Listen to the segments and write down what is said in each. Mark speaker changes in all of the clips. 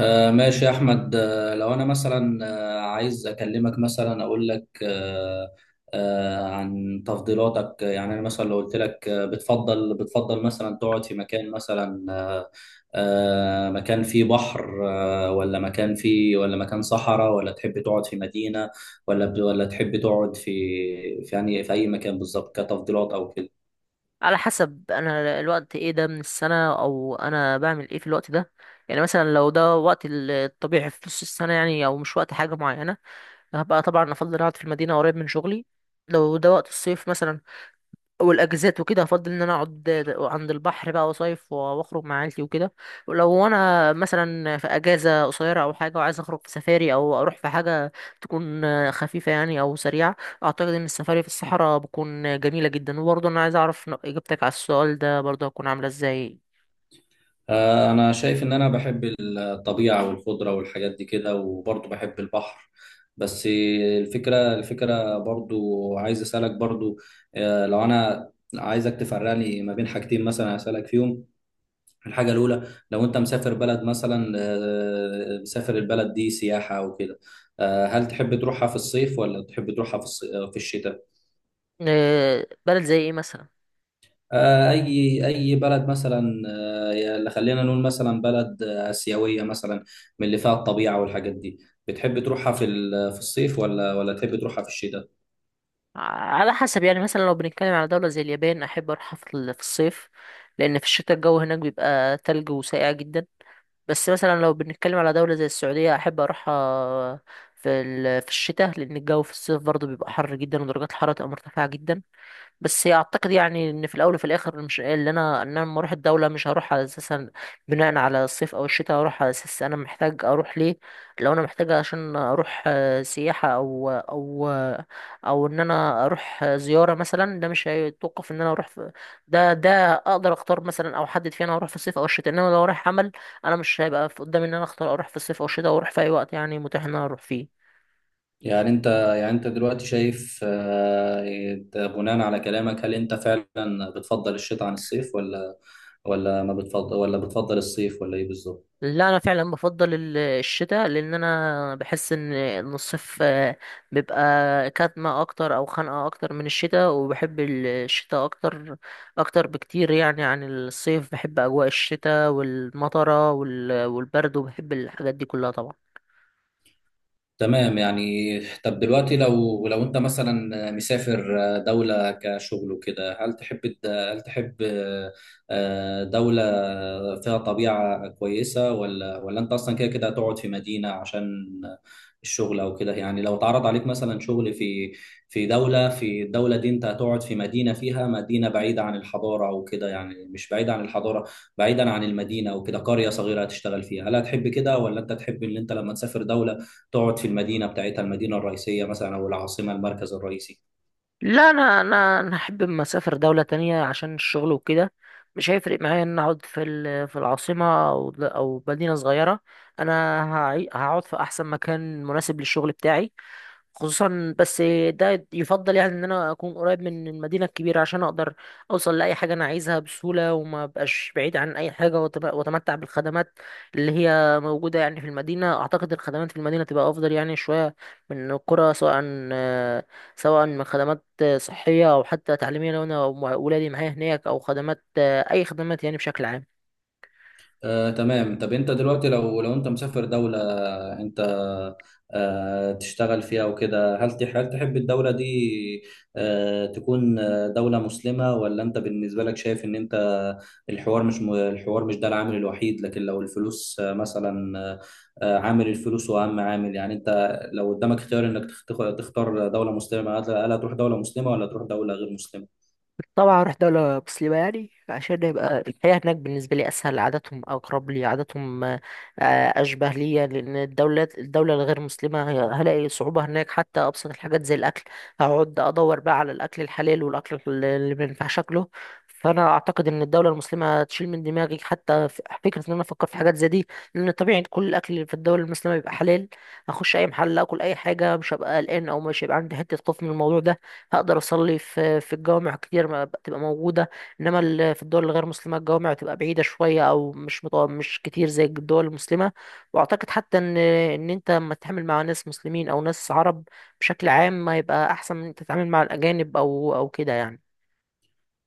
Speaker 1: ماشي يا أحمد، لو أنا مثلا عايز أكلمك، مثلا أقول لك، عن تفضيلاتك. يعني أنا مثلا لو قلت لك، بتفضل مثلا تقعد في مكان، مثلا مكان فيه بحر، ولا مكان فيه، ولا مكان صحراء، ولا تحب تقعد في مدينة، ولا تحب تقعد في يعني في أي مكان بالظبط، كتفضيلات أو كده؟
Speaker 2: على حسب انا الوقت ايه ده من السنة او انا بعمل ايه في الوقت ده. يعني مثلا لو ده وقت الطبيعي في نص السنة يعني او مش وقت حاجة معينة، هبقى طبعا افضل اقعد في المدينة قريب من شغلي. لو ده وقت الصيف مثلا والاجازات وكده، هفضل ان انا اقعد عند البحر بقى وصيف واخرج مع عيلتي وكده. ولو انا مثلا في اجازه قصيره او حاجه وعايز اخرج في سفاري او اروح في حاجه تكون خفيفه يعني او سريعه، اعتقد ان السفاري في الصحراء بتكون جميله جدا. وبرضه انا عايز اعرف اجابتك على السؤال ده برضه هتكون عامله ازاي.
Speaker 1: أنا شايف إن أنا بحب الطبيعة والخضرة والحاجات دي كده، وبرضه بحب البحر. بس الفكرة برضه، عايز أسألك برضه. لو أنا عايزك تفرقني ما بين حاجتين مثلا أسألك فيهم. الحاجة الأولى، لو أنت مسافر بلد مثلا، مسافر البلد دي سياحة أو كده، هل تحب تروحها في الصيف ولا تحب تروحها في الشتاء؟
Speaker 2: بلد زي ايه مثلا؟
Speaker 1: اي بلد مثلا. خلينا نقول مثلا بلد اسيويه مثلا، من اللي فيها الطبيعه والحاجات دي. بتحب تروحها في الصيف، ولا تحب تروحها في الشتاء؟
Speaker 2: على حسب يعني، مثلا لو بنتكلم على دولة زي اليابان أحب أروحها في في الصيف، لأن في الشتاء الجو هناك بيبقى تلج وساقع جدا. بس مثلا لو بنتكلم على دولة زي السعودية أحب أروحها في في الشتاء، لأن الجو في الصيف برضه بيبقى حر جدا ودرجات الحرارة تبقى مرتفعة جدا. بس اعتقد يعني ان في الاول وفي الاخر، مش اللي انا ان انا لما اروح الدوله مش هروح على اساسا بناء على الصيف او الشتاء، هروح على اساس انا محتاج اروح ليه. لو انا محتاج عشان اروح سياحه او او ان انا اروح زياره مثلا، ده مش هيتوقف ان انا اروح في، ده اقدر اختار مثلا او احدد فيه انا هروح في الصيف او الشتاء. انما لو رايح عمل، انا مش هيبقى في قدامي ان انا اختار اروح في الصيف او الشتاء، واروح في اي وقت يعني متاح ان انا اروح فيه.
Speaker 1: يعني انت يعني انت دلوقتي شايف، إنت بناء على كلامك، هل انت فعلا بتفضل الشتاء عن الصيف، ولا ما بتفضل، ولا بتفضل الصيف، ولا ايه بالظبط؟
Speaker 2: لا، انا فعلا بفضل الشتاء، لان انا بحس ان الصيف بيبقى كاتمه اكتر او خنقه اكتر من الشتاء. وبحب الشتاء اكتر، اكتر بكتير يعني عن الصيف. بحب اجواء الشتاء والمطره والبرد، وبحب الحاجات دي كلها طبعا.
Speaker 1: تمام. يعني طب دلوقتي لو انت مثلا مسافر دولة كشغل وكده، هل تحب دولة فيها طبيعة كويسة، ولا انت اصلا كده كده هتقعد في مدينة عشان الشغل او كده؟ يعني لو اتعرض عليك مثلا شغل في، في دولة في الدولة دي، انت هتقعد في مدينة فيها، مدينة بعيدة عن الحضارة او كده، يعني مش بعيدة عن الحضارة، بعيدا عن المدينة او كده، قرية صغيرة هتشتغل فيها، هل هتحب كده ولا انت تحب ان انت لما تسافر دولة تقعد في المدينة بتاعتها، المدينة الرئيسية مثلا، أو العاصمة، المركز الرئيسي؟
Speaker 2: لا، انا احب اما اسافر دوله تانية عشان الشغل وكده، مش هيفرق معايا ان اقعد في في العاصمه او مدينه صغيره. انا هقعد في احسن مكان مناسب للشغل بتاعي. خصوصا بس ده يفضل يعني ان انا اكون قريب من المدينه الكبيره، عشان اقدر اوصل لاي حاجه انا عايزها بسهوله وما بقاش بعيد عن اي حاجه، واتمتع بالخدمات اللي هي موجوده يعني في المدينه. اعتقد الخدمات في المدينه تبقى افضل يعني شويه من القرى، سواء آه، سواء من خدمات صحيه او حتى تعليميه لو انا ولادي معايا هناك، او خدمات اي خدمات يعني بشكل عام.
Speaker 1: تمام. طب أنت دلوقتي لو أنت مسافر دولة، أنت تشتغل فيها وكده، هل تحب الدولة دي تكون دولة مسلمة، ولا أنت بالنسبة لك شايف إن أنت، الحوار مش ده العامل الوحيد، لكن لو الفلوس مثلا، عامل الفلوس هو أهم عامل، يعني أنت لو قدامك اختيار إنك تختار دولة مسلمة، هل هتروح دولة مسلمة ولا تروح دولة غير مسلمة؟
Speaker 2: طبعا اروح دولة مسلمة، يعني عشان يبقى الحياة هناك بالنسبة لي اسهل، عاداتهم اقرب لي، عاداتهم اشبه ليا. لان الدولة الغير مسلمة، هلاقي صعوبة هناك حتى ابسط الحاجات زي الاكل. هقعد ادور بقى على الاكل الحلال والاكل اللي ما ينفعش اكله. فانا اعتقد ان الدولة المسلمة هتشيل من دماغي حتى فكرة ان انا افكر في حاجات زي دي، لان طبيعي كل الاكل اللي في الدولة المسلمة بيبقى حلال. اخش اي محل اكل اي حاجة، مش هبقى قلقان او مش هيبقى عندي حتة خوف من الموضوع ده. هقدر اصلي في الجوامع كتير ما بتبقى موجوده، انما في الدول الغير مسلمه الجوامع بتبقى بعيده شويه او مش كتير زي الدول المسلمه. واعتقد حتى ان انت لما تتعامل مع ناس مسلمين او ناس عرب بشكل عام، ما يبقى احسن من انت تتعامل مع الاجانب او او كده يعني.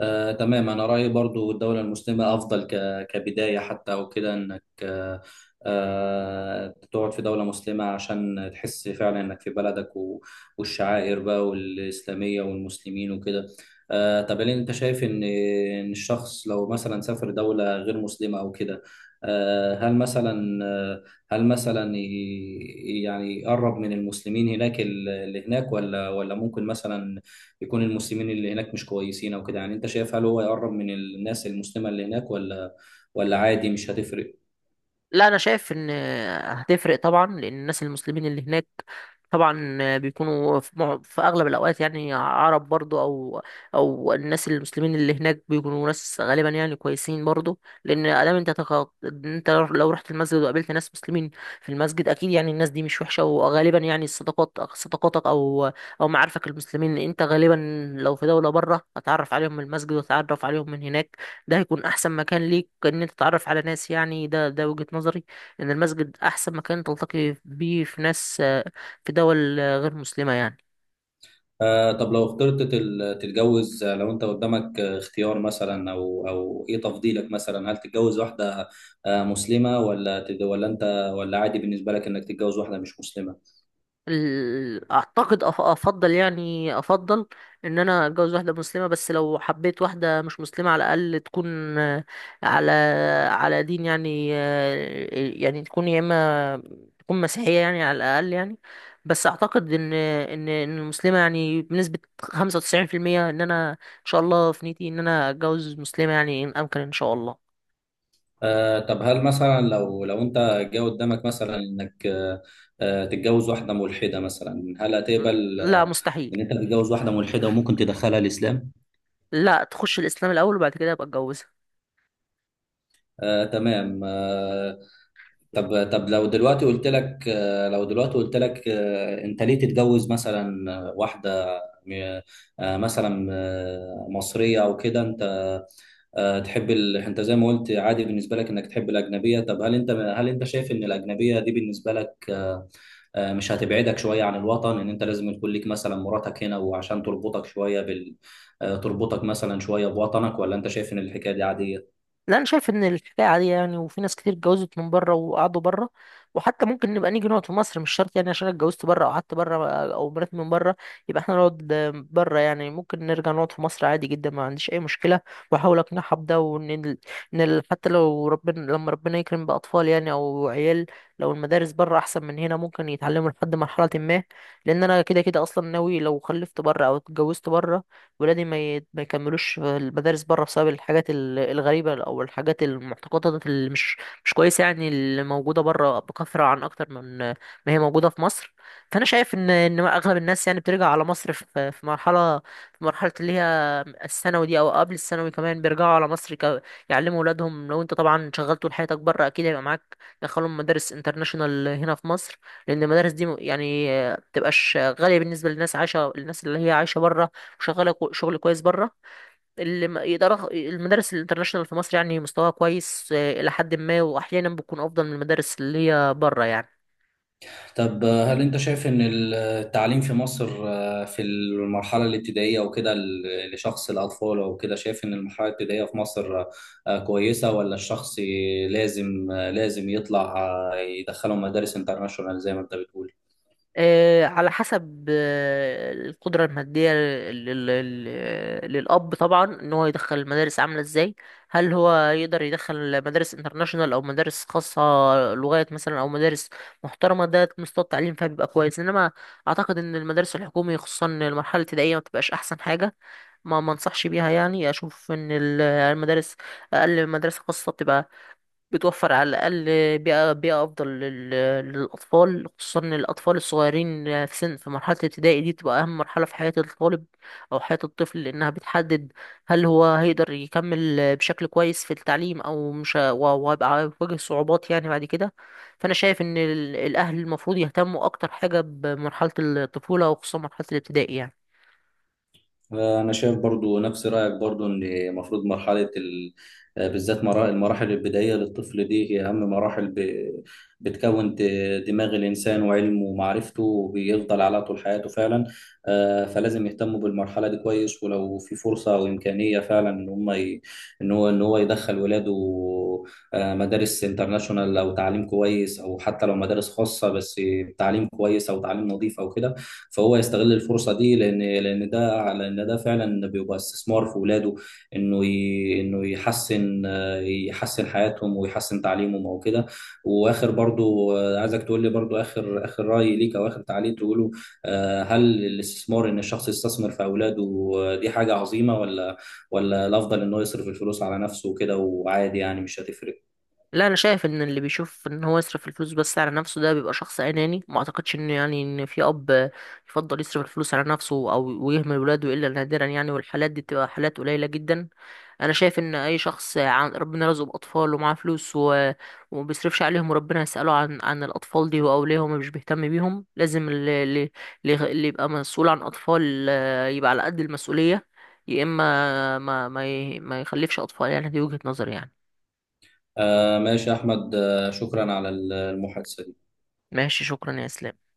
Speaker 1: تمام. أنا رأيي برضو الدولة المسلمة أفضل، كبداية حتى أو كده، إنك تقعد في دولة مسلمة، عشان تحس فعلا إنك في بلدك والشعائر بقى والإسلامية والمسلمين وكده. طب هل أنت شايف إن الشخص لو مثلا سافر دولة غير مسلمة أو كده، هل مثلا، هل مثلا يعني يقرب من المسلمين هناك، اللي هناك، ولا ممكن مثلا يكون المسلمين اللي هناك مش كويسين او كده؟ يعني انت شايف، هل هو يقرب من الناس المسلمة اللي هناك، ولا عادي مش هتفرق؟
Speaker 2: لا، انا شايف ان هتفرق طبعا، لان الناس المسلمين اللي هناك طبعا بيكونوا في في اغلب الاوقات يعني عرب برضو، او او الناس المسلمين اللي هناك بيكونوا ناس غالبا يعني كويسين برضو. لان ادام انت لو رحت المسجد وقابلت ناس مسلمين في المسجد، اكيد يعني الناس دي مش وحشه. وغالبا يعني صداقاتك او او معارفك المسلمين، انت غالبا لو في دوله بره هتعرف عليهم من المسجد وتتعرف عليهم من هناك. ده هيكون احسن مكان ليك ان انت تتعرف على ناس يعني. ده وجهة نظري ان المسجد احسن مكان تلتقي بيه في ناس في دول غير مسلمة يعني.
Speaker 1: طب لو اخترت تتجوز، لو انت قدامك اختيار مثلا، او ايه تفضيلك مثلا، هل تتجوز واحدة مسلمة ولا ولا انت، ولا عادي بالنسبة لك انك تتجوز واحدة مش مسلمة؟
Speaker 2: افضل يعني افضل ان انا اتجوز واحده مسلمه. بس لو حبيت واحده مش مسلمه، على الاقل تكون على على دين يعني، يعني تكون يا اما تكون مسيحيه يعني، على الاقل يعني. بس اعتقد ان ان المسلمه يعني بنسبه 95%، ان انا ان شاء الله في نيتي ان انا اتجوز مسلمه يعني ان امكن ان شاء الله.
Speaker 1: طب هل مثلا لو انت جه قدامك مثلا انك، تتجوز واحدة ملحدة مثلا، هل هتقبل،
Speaker 2: لا، مستحيل.
Speaker 1: ان انت تتجوز واحدة ملحدة وممكن تدخلها الاسلام؟
Speaker 2: لا، تخش الاسلام الاول وبعد كده ابقى اتجوزها.
Speaker 1: تمام. طب لو دلوقتي قلت لك، انت ليه تتجوز مثلا، واحده م- مثلا مصريه او كده. انت تحب انت زي ما قلت عادي بالنسبه لك انك تحب الاجنبيه. طب هل انت شايف ان الاجنبيه دي بالنسبه لك، مش هتبعدك شويه عن الوطن، ان انت لازم يكون ليك مثلا مراتك هنا وعشان تربطك شويه بال، تربطك مثلا شويه بوطنك، ولا انت شايف ان الحكايه دي عاديه؟
Speaker 2: لا، انا شايف ان الحكايه عاديه يعني، وفي ناس كتير اتجوزت من بره وقعدوا بره. وحتى ممكن نبقى نيجي نقعد في مصر، مش شرط يعني عشان أنا اتجوزت بره او قعدت بره او مراتي من بره يبقى احنا نقعد بره. يعني ممكن نرجع نقعد في مصر عادي جدا، ما عنديش اي مشكله. واحاول اقنعها بده، وان حتى لو ربنا ربنا يكرم باطفال يعني او عيال، لو المدارس بره احسن من هنا ممكن يتعلموا لحد مرحله ما. لان انا كده كده اصلا ناوي لو خلفت بره او اتجوزت بره، ولادي ما يكملوش في المدارس بره، بسبب الغريبة أو المعتقدات اللي مش كويسة يعني، اللي موجودة بره بكثرة عن أكتر من ما هي موجودة في مصر. فأنا شايف إن أغلب الناس يعني بترجع على مصر في مرحلة اللي هي الثانوي دي، أو قبل الثانوي كمان بيرجعوا على مصر يعلموا ولادهم. لو أنت طبعا شغلت طول حياتك بره، أكيد هيبقى معاك دخلهم مدارس انترناشونال هنا في مصر، لأن المدارس دي يعني بتبقاش غالية بالنسبة للناس عايشة، الناس اللي هي عايشة بره وشغاله شغل كويس بره. اللي ما يقدر، المدارس الانترناشونال في مصر يعني مستواها كويس الى حد ما، واحيانا بتكون افضل من المدارس اللي هي بره يعني.
Speaker 1: طب هل انت شايف ان التعليم في مصر، في المرحله الابتدائيه وكده، لشخص الاطفال او كده، شايف ان المرحله الابتدائيه في مصر كويسه، ولا الشخص لازم، لازم يطلع، يدخله مدارس انترناشونال زي ما انت بتقول؟
Speaker 2: على حسب القدرة المادية للأب طبعا، إن هو يدخل المدارس عاملة إزاي، هل هو يقدر يدخل مدارس انترناشونال أو مدارس خاصة لغات مثلا، أو مدارس محترمة ده مستوى التعليم فيها بيبقى كويس. إنما أعتقد إن المدارس الحكومية خصوصا المرحلة الابتدائية ما بتبقاش أحسن حاجة، ما انصحش بيها يعني. اشوف ان المدارس، اقل مدرسه خاصه بتبقى بتوفر على الاقل بيئه افضل للاطفال. خصوصا إن الاطفال الصغيرين في سن في مرحله الابتدائي دي بتبقى اهم مرحله في حياه الطالب او حياه الطفل، لانها بتحدد هل هو هيقدر يكمل بشكل كويس في التعليم او مش ه- و- وهيبقى هيواجه صعوبات يعني بعد كده. فانا شايف ان الاهل المفروض يهتموا اكتر حاجه بمرحله الطفوله، وخصوصا مرحله الابتدائي يعني.
Speaker 1: انا شايف برضو نفس رايك، برضو ان المفروض مرحله بالذات المراحل البدائيه للطفل دي هي اهم مراحل، بتكون دماغ الانسان وعلمه ومعرفته بيفضل على طول حياته فعلا. فلازم يهتموا بالمرحله دي كويس، ولو في فرصه او امكانيه فعلا ان هو يدخل ولاده مدارس انترناشونال او تعليم كويس، او حتى لو مدارس خاصه بس تعليم كويس او تعليم نظيف او كده، فهو يستغل الفرصه دي، لان ده فعلا بيبقى استثمار في ولاده، انه يحسن حياتهم ويحسن تعليمهم او كده. واخر، برضو عايزك تقول لي، برضو اخر راي ليك او اخر تعليق تقوله. هل الاستثمار، ان الشخص يستثمر في اولاده دي حاجه عظيمه، ولا الافضل انه يصرف الفلوس على نفسه وكده، وعادي يعني مش هتفرق؟
Speaker 2: لا، انا شايف ان اللي بيشوف ان هو يصرف الفلوس بس على نفسه ده بيبقى شخص اناني. ما اعتقدش ان يعني ان في اب يفضل يصرف الفلوس على نفسه او ويهمل ولاده الا نادرا يعني، والحالات دي بتبقى حالات قليله جدا. انا شايف ان اي شخص عن ربنا رزقه باطفال ومعاه فلوس وما بيصرفش عليهم، وربنا يساله عن الاطفال دي. واولياءهم مش بيهتم بيهم، لازم اللي يبقى مسؤول عن اطفال يبقى على قد المسؤوليه، يا اما ما يخلفش اطفال يعني. دي وجهه نظري يعني.
Speaker 1: ماشي يا احمد. شكرا على المحادثه دي.
Speaker 2: ماشي، شكرا يا اسلام.